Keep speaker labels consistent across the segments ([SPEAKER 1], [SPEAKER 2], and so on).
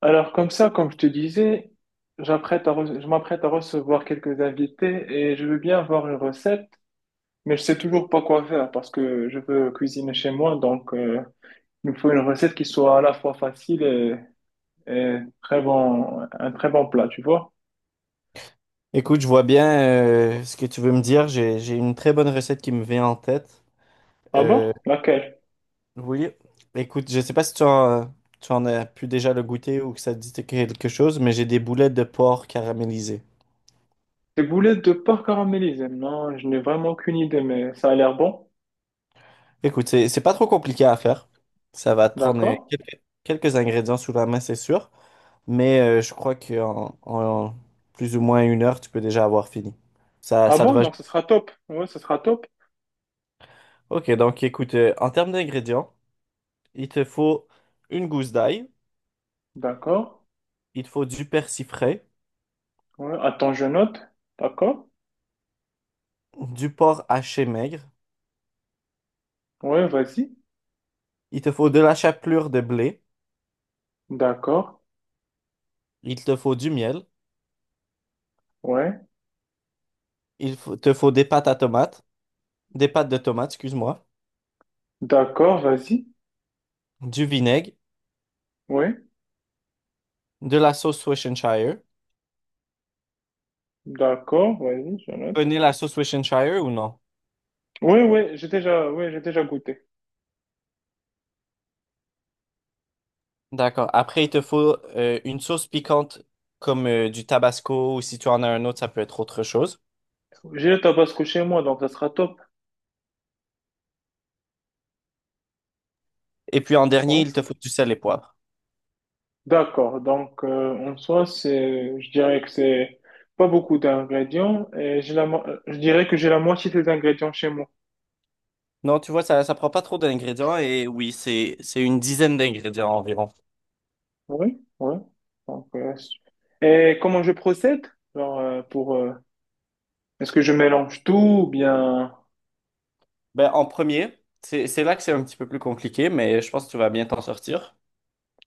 [SPEAKER 1] Alors comme ça, comme je te disais, je m'apprête à recevoir quelques invités et je veux bien avoir une recette, mais je sais toujours pas quoi faire parce que je veux cuisiner chez moi, donc il me faut une recette qui soit à la fois facile et très bon, un très bon plat, tu vois.
[SPEAKER 2] Écoute, je vois bien ce que tu veux me dire. J'ai une très bonne recette qui me vient en tête.
[SPEAKER 1] Ah bon?
[SPEAKER 2] Euh,
[SPEAKER 1] Laquelle?
[SPEAKER 2] oui, écoute, je sais pas si tu en as pu déjà le goûter ou que ça te dit quelque chose, mais j'ai des boulettes de porc caramélisées.
[SPEAKER 1] Des boulettes de porc caramélisées. Non, je n'ai vraiment aucune idée, mais ça a l'air bon.
[SPEAKER 2] Écoute, c'est pas trop compliqué à faire. Ça va te prendre
[SPEAKER 1] D'accord.
[SPEAKER 2] quelques ingrédients sous la main, c'est sûr, mais je crois qu'en en plus ou moins 1 heure, tu peux déjà avoir fini. Ça,
[SPEAKER 1] Ah
[SPEAKER 2] ça te
[SPEAKER 1] bon?
[SPEAKER 2] va.
[SPEAKER 1] Donc ce sera top. Ouais, ce sera top.
[SPEAKER 2] Ok, donc écoute, en termes d'ingrédients, il te faut une gousse d'ail.
[SPEAKER 1] D'accord.
[SPEAKER 2] Il te faut du persil frais,
[SPEAKER 1] Ouais, attends, je note. D'accord.
[SPEAKER 2] du porc haché maigre,
[SPEAKER 1] Ouais, vas-y.
[SPEAKER 2] il te faut de la chapelure de blé,
[SPEAKER 1] D'accord,
[SPEAKER 2] il te faut du miel,
[SPEAKER 1] ouais.
[SPEAKER 2] te faut des pâtes à tomates, des pâtes de tomates, excuse-moi,
[SPEAKER 1] D'accord, vas-y.
[SPEAKER 2] du vinaigre,
[SPEAKER 1] Ouais.
[SPEAKER 2] de la sauce Worcestershire.
[SPEAKER 1] D'accord, vas-y, je note.
[SPEAKER 2] Prenez la sauce Worcestershire ou non?
[SPEAKER 1] Oui, oui, j'ai déjà, ouais, j'ai déjà goûté.
[SPEAKER 2] D'accord. Après, il te faut une sauce piquante comme du Tabasco ou si tu en as un autre, ça peut être autre chose.
[SPEAKER 1] J'ai le tabasco chez moi, donc ça sera top.
[SPEAKER 2] Et puis en dernier,
[SPEAKER 1] Ouais.
[SPEAKER 2] il te faut du sel et poivre.
[SPEAKER 1] D'accord, donc en soi, c'est, je dirais que c'est pas beaucoup d'ingrédients et j'ai je dirais que j'ai la moitié des ingrédients chez moi.
[SPEAKER 2] Non, tu vois, ça prend pas trop d'ingrédients et oui, c'est une dizaine d'ingrédients environ.
[SPEAKER 1] Oui, oui. Donc, euh, et comment je procède? Genre, euh, pour, euh, est-ce que je mélange tout ou bien,
[SPEAKER 2] Ben, en premier, c'est là que c'est un petit peu plus compliqué, mais je pense que tu vas bien t'en sortir.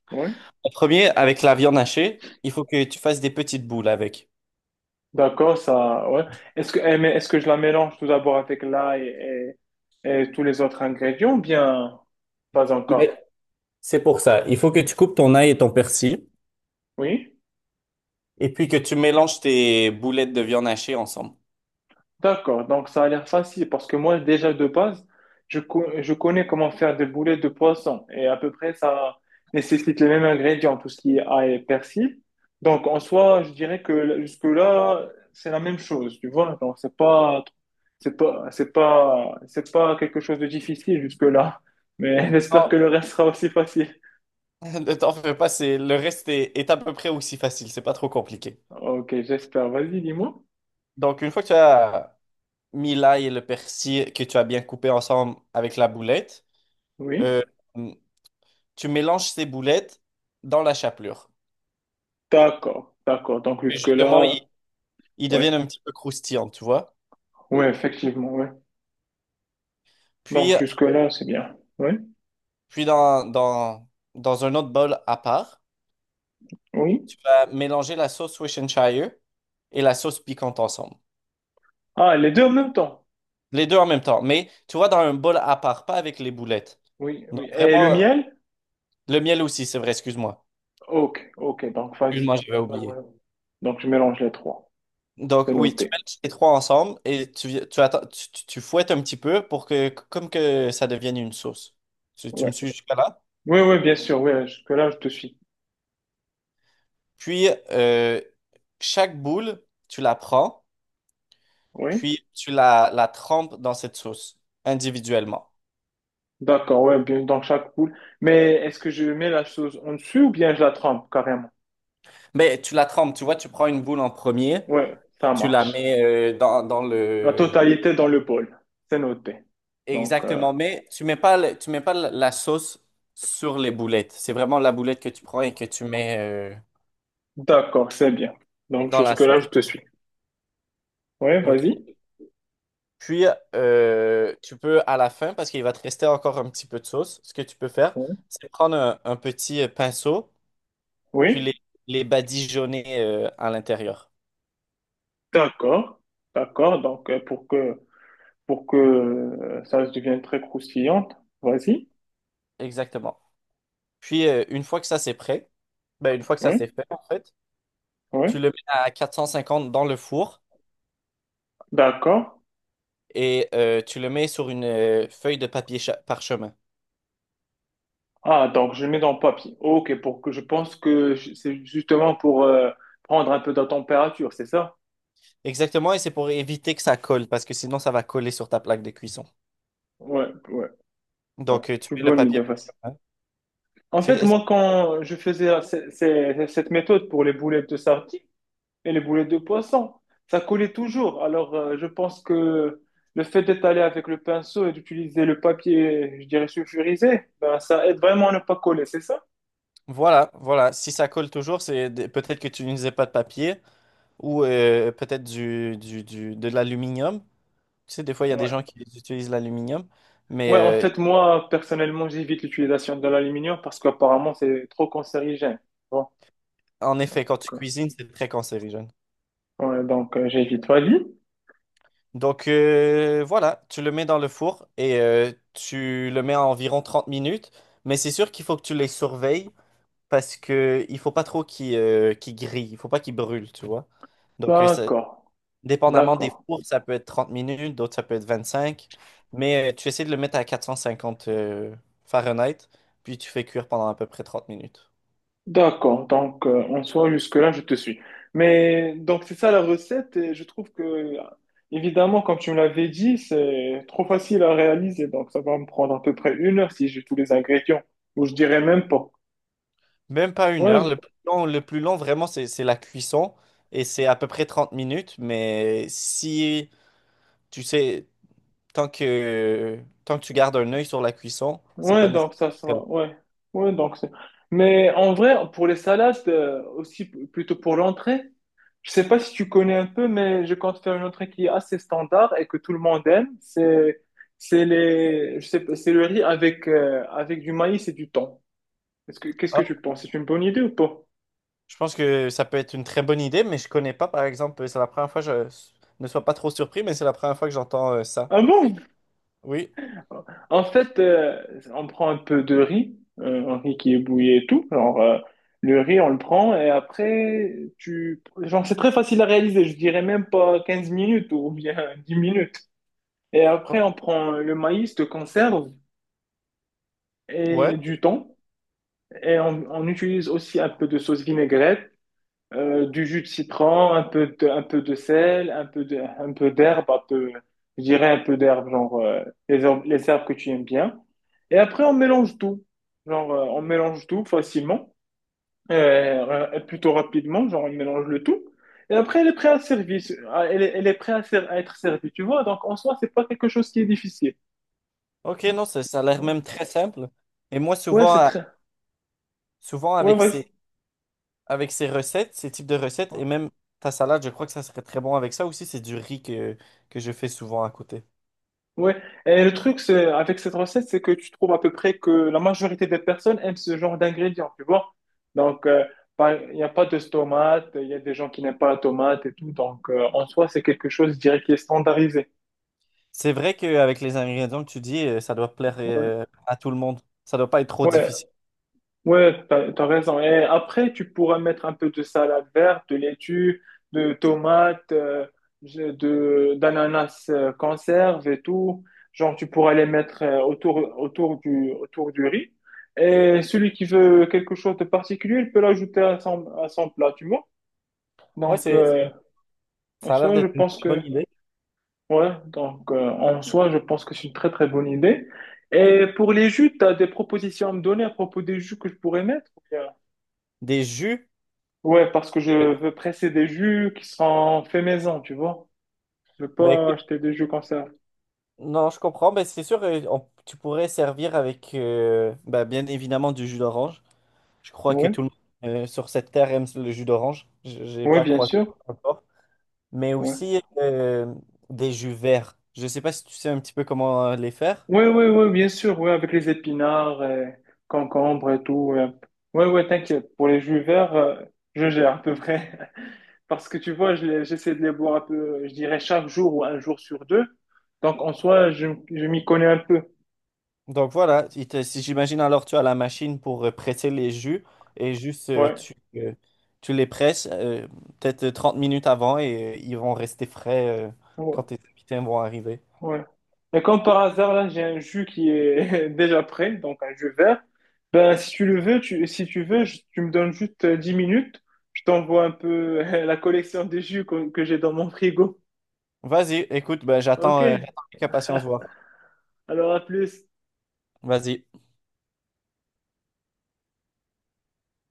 [SPEAKER 1] oui.
[SPEAKER 2] En premier, avec la viande hachée, il faut que tu fasses des petites boules avec.
[SPEAKER 1] D'accord, ça, ouais. Mais est-ce que je la mélange tout d'abord avec l'ail et tous les autres ingrédients, ou bien pas
[SPEAKER 2] Oui,
[SPEAKER 1] encore?
[SPEAKER 2] c'est pour ça. Il faut que tu coupes ton ail et ton persil,
[SPEAKER 1] Oui.
[SPEAKER 2] et puis que tu mélanges tes boulettes de viande hachée ensemble.
[SPEAKER 1] D'accord, donc ça a l'air facile parce que moi, déjà de base, je connais comment faire des boulettes de poisson et à peu près ça nécessite les mêmes ingrédients, tout ce qui est ail et persil. Donc en soi, je dirais que jusque-là, c'est la même chose, tu vois. Donc c'est pas quelque chose de difficile jusque-là, mais j'espère que
[SPEAKER 2] Non,
[SPEAKER 1] le reste sera aussi facile.
[SPEAKER 2] ne t'en fais pas, c'est le reste est à peu près aussi facile, c'est pas trop compliqué.
[SPEAKER 1] Ok, j'espère. Vas-y, dis-moi.
[SPEAKER 2] Donc, une fois que tu as mis l'ail et le persil que tu as bien coupé ensemble avec la boulette,
[SPEAKER 1] Oui,
[SPEAKER 2] euh, tu mélanges ces boulettes dans la chapelure.
[SPEAKER 1] d'accord. Donc
[SPEAKER 2] Et justement, il
[SPEAKER 1] jusque-là,
[SPEAKER 2] ils deviennent
[SPEAKER 1] ouais,
[SPEAKER 2] un petit peu croustillants, tu vois.
[SPEAKER 1] ouais, effectivement, ouais. Donc
[SPEAKER 2] Puis,
[SPEAKER 1] jusque-là, c'est bien. Oui,
[SPEAKER 2] puis dans un autre bol à part,
[SPEAKER 1] oui.
[SPEAKER 2] tu vas mélanger la sauce Worcestershire et la sauce piquante ensemble.
[SPEAKER 1] Ah, les deux en même temps.
[SPEAKER 2] Les deux en même temps, mais tu vois, dans un bol à part, pas avec les boulettes.
[SPEAKER 1] Oui,
[SPEAKER 2] Donc
[SPEAKER 1] oui. Et le
[SPEAKER 2] vraiment,
[SPEAKER 1] miel?
[SPEAKER 2] le miel aussi, c'est vrai, excuse-moi.
[SPEAKER 1] Ok, donc vas-y.
[SPEAKER 2] Excuse-moi, j'avais
[SPEAKER 1] Ouais,
[SPEAKER 2] oublié.
[SPEAKER 1] ouais. Donc je mélange les trois.
[SPEAKER 2] Donc
[SPEAKER 1] C'est
[SPEAKER 2] oui, tu
[SPEAKER 1] noté.
[SPEAKER 2] mets les trois ensemble et tu, vi- tu, attends, tu- tu fouettes un petit peu pour que, comme que ça devienne une sauce. Tu
[SPEAKER 1] Ouais.
[SPEAKER 2] me suis jusqu'à là?
[SPEAKER 1] Oui, oui, bien sûr, oui, jusque-là, je te suis.
[SPEAKER 2] Puis, chaque boule, tu la prends.
[SPEAKER 1] Oui.
[SPEAKER 2] Puis la trempes dans cette sauce individuellement.
[SPEAKER 1] D'accord, ouais, bien dans chaque poule. Mais est-ce que je mets la chose en dessus ou bien je la trempe carrément?
[SPEAKER 2] Mais tu la trempes, tu vois, tu prends une boule en premier
[SPEAKER 1] Ouais,
[SPEAKER 2] et
[SPEAKER 1] ça
[SPEAKER 2] tu la
[SPEAKER 1] marche.
[SPEAKER 2] mets dans
[SPEAKER 1] La
[SPEAKER 2] le...
[SPEAKER 1] totalité dans le bol. C'est noté. Donc, euh,
[SPEAKER 2] Exactement, mais tu mets pas la sauce sur les boulettes. C'est vraiment la boulette que tu prends et que tu mets euh,
[SPEAKER 1] d'accord, c'est bien. Donc
[SPEAKER 2] dans la
[SPEAKER 1] jusque-là, je
[SPEAKER 2] sauce.
[SPEAKER 1] te suis. Oui,
[SPEAKER 2] Ok.
[SPEAKER 1] vas-y.
[SPEAKER 2] Puis, tu peux, à la fin, parce qu'il va te rester encore un petit peu de sauce, ce que tu peux faire,
[SPEAKER 1] Ouais.
[SPEAKER 2] c'est prendre un petit pinceau, puis
[SPEAKER 1] Oui.
[SPEAKER 2] les badigeonner à l'intérieur.
[SPEAKER 1] D'accord, d'accord. Donc, euh, pour que, pour que ça devienne très croustillante, vas-y.
[SPEAKER 2] Exactement. Puis, une fois que ça c'est prêt, ben, une fois que ça
[SPEAKER 1] Oui,
[SPEAKER 2] c'est fait, en fait,
[SPEAKER 1] oui.
[SPEAKER 2] tu le mets à 450 dans le four
[SPEAKER 1] D'accord.
[SPEAKER 2] et tu le mets sur une feuille de parchemin.
[SPEAKER 1] Ah, donc je mets dans le papier. Ok, pour que je pense que je- c'est justement pour prendre un peu de température, c'est ça?
[SPEAKER 2] Exactement, et c'est pour éviter que ça colle, parce que sinon ça va coller sur ta plaque de cuisson.
[SPEAKER 1] Ouais, ouais.
[SPEAKER 2] Donc, tu
[SPEAKER 1] C'est une
[SPEAKER 2] mets le
[SPEAKER 1] bonne idée,
[SPEAKER 2] papier
[SPEAKER 1] vas-y.
[SPEAKER 2] parchemin.
[SPEAKER 1] En fait,
[SPEAKER 2] c'est-
[SPEAKER 1] moi, quand je faisais cette méthode pour les boulettes de sardines, et les boulettes de poisson, ça collait toujours. Je pense que le fait d'étaler avec le pinceau et d'utiliser le papier, je dirais sulfurisé, ben, ça aide vraiment à ne pas coller, c'est ça?
[SPEAKER 2] Voilà, voilà. Si ça colle toujours, peut-être que tu n'utilisais pas de papier ou peut-être de l'aluminium. Tu sais, des fois, il y a des gens
[SPEAKER 1] Ouais.
[SPEAKER 2] qui utilisent l'aluminium, mais
[SPEAKER 1] Ouais, en fait, moi, personnellement, j'évite l'utilisation de l'aluminium parce qu'apparemment, c'est trop cancérigène. Bon,
[SPEAKER 2] en
[SPEAKER 1] donc,
[SPEAKER 2] effet, quand tu
[SPEAKER 1] euh,
[SPEAKER 2] cuisines, c'est très cancérigène.
[SPEAKER 1] ouais, j'évite. Vas-y.
[SPEAKER 2] Donc voilà, tu le mets dans le four et tu le mets à environ 30 minutes. Mais c'est sûr qu'il faut que tu les surveilles parce que il faut pas trop qu'ils grillent, il faut pas qu'ils brûlent, tu vois. Donc
[SPEAKER 1] D'accord,
[SPEAKER 2] dépendamment des
[SPEAKER 1] d'accord.
[SPEAKER 2] fours, ça peut être 30 minutes, d'autres ça peut être 25. Mais tu essaies de le mettre à 450 Fahrenheit, puis tu fais cuire pendant à peu près 30 minutes.
[SPEAKER 1] D'accord, en soi jusque-là je te suis. Mais donc c'est ça la recette et je trouve que évidemment comme tu me l'avais dit c'est trop facile à réaliser donc ça va me prendre à peu près une heure si j'ai tous les ingrédients ou je dirais même pas.
[SPEAKER 2] Même pas 1 heure.
[SPEAKER 1] Ouais,
[SPEAKER 2] Le plus long vraiment, c'est la cuisson et c'est à peu près 30 minutes. Mais si tu sais. Tant que tu gardes un œil sur la cuisson, c'est pas
[SPEAKER 1] ouais, donc
[SPEAKER 2] nécessairement
[SPEAKER 1] ça
[SPEAKER 2] très lourd.
[SPEAKER 1] sera ouais, ouais, donc c'est. Mais en vrai pour les salades aussi plutôt pour l'entrée. Je sais pas si tu connais un peu, mais je compte faire une entrée qui est assez standard et que tout le monde aime. C'est les, je sais pas, c'est le riz avec, avec du maïs et du thon. Est-ce que, qu'est-ce que
[SPEAKER 2] Ah,
[SPEAKER 1] tu penses? C'est une bonne idée ou pas?
[SPEAKER 2] je pense que ça peut être une très bonne idée, mais je connais pas, par exemple, c'est la première fois, je ne sois pas trop surpris, mais c'est la première fois que j'entends ça.
[SPEAKER 1] Ah bon?
[SPEAKER 2] Oui,
[SPEAKER 1] En fait, on prend un peu de riz, un riz qui est bouillé et tout. Le riz, on le prend et après, tu, genre, c'est très facile à réaliser. Je dirais même pas 15 minutes ou bien 10 minutes. Et après, on prend le maïs de conserve
[SPEAKER 2] ouais.
[SPEAKER 1] et du thon. Et on utilise aussi un peu de sauce vinaigrette, du jus de citron, un peu de sel, un peu, je dirais un peu d'herbe, les les herbes que tu aimes bien. Et après, on mélange tout. On mélange tout facilement, plutôt rapidement, genre on mélange le tout. Et après, elle est prête à servir à- elle est prête à, ser- à être servie, tu vois. Donc, en soi, c'est pas quelque chose qui est difficile.
[SPEAKER 2] Ok, non, ça a l'air même très simple. Et moi,
[SPEAKER 1] Ouais,
[SPEAKER 2] souvent,
[SPEAKER 1] c'est très...
[SPEAKER 2] souvent
[SPEAKER 1] Ouais, vas-y.
[SPEAKER 2] avec ces recettes, ces types de recettes, et même ta salade, je crois que ça serait très bon avec ça aussi. C'est du riz que je fais souvent à côté.
[SPEAKER 1] Ouais, et le truc c'est avec cette recette, c'est que tu trouves à peu près que la majorité des personnes aiment ce genre d'ingrédients, tu vois. Donc, euh, il n'y a pas de tomate, il y a des gens qui n'aiment pas la tomate et tout. donc en soi, c'est quelque chose, je dirais, qui est standardisé.
[SPEAKER 2] C'est vrai qu'avec les ingrédients que tu dis, ça doit plaire
[SPEAKER 1] Ouais,
[SPEAKER 2] à tout le monde. Ça doit pas être trop
[SPEAKER 1] ouais,
[SPEAKER 2] difficile.
[SPEAKER 1] ouais, t'as raison. Et après, tu pourras mettre un peu de salade verte, de laitue, de tomates, d'ananas conserve et tout. Tu pourras les mettre autour du riz. Et celui qui veut quelque chose de particulier, il peut l'ajouter à à son plat, tu vois.
[SPEAKER 2] Ouais,
[SPEAKER 1] Donc, en
[SPEAKER 2] ça a l'air
[SPEAKER 1] soi, je
[SPEAKER 2] d'être une
[SPEAKER 1] pense
[SPEAKER 2] très
[SPEAKER 1] que,
[SPEAKER 2] bonne idée.
[SPEAKER 1] ouais, en soi, je pense que c'est une très bonne idée. Et pour les jus, t'as des propositions à me donner à propos des jus que je pourrais mettre?
[SPEAKER 2] Des jus.
[SPEAKER 1] Ouais, parce que je veux presser des jus qui seront faits maison, tu vois. Je veux
[SPEAKER 2] Ben
[SPEAKER 1] pas
[SPEAKER 2] écoute,
[SPEAKER 1] acheter des jus comme ça.
[SPEAKER 2] non, je comprends. Ben c'est sûr, tu pourrais servir avec, ben, bien évidemment, du jus d'orange. Je crois que tout le
[SPEAKER 1] Oui,
[SPEAKER 2] monde sur cette terre aime le jus d'orange. J'ai
[SPEAKER 1] oui,
[SPEAKER 2] pas
[SPEAKER 1] bien
[SPEAKER 2] croisé
[SPEAKER 1] sûr.
[SPEAKER 2] encore. Mais
[SPEAKER 1] Ouais,
[SPEAKER 2] aussi des jus verts. Je sais pas si tu sais un petit peu comment les faire.
[SPEAKER 1] oui, oui, ouais, bien sûr. Oui, avec les épinards, et concombres et tout. Oui, oui, ouais, ouais, t'inquiète. Pour les jus verts, je gère à peu près. Parce que tu vois, j'essaie de les boire un peu, je dirais chaque jour ou un jour sur deux. Donc en soi, je m'y connais un peu.
[SPEAKER 2] Donc voilà, si j'imagine alors tu as la machine pour presser les jus et juste
[SPEAKER 1] Ouais,
[SPEAKER 2] tu les presses peut-être 30 minutes avant et ils vont rester frais quand
[SPEAKER 1] ouais,
[SPEAKER 2] tes invités vont arriver.
[SPEAKER 1] ouais. Et comme par hasard, là, j'ai un jus qui est déjà prêt, donc un jus vert. Ben, si tu le veux, si tu veux, tu me donnes juste 10 minutes. Je t'envoie un peu la collection de que j'ai dans mon frigo.
[SPEAKER 2] Vas-y, écoute, ben,
[SPEAKER 1] Ok,
[SPEAKER 2] j'attends j'attends avec impatience voir.
[SPEAKER 1] alors à plus.
[SPEAKER 2] Vas-y.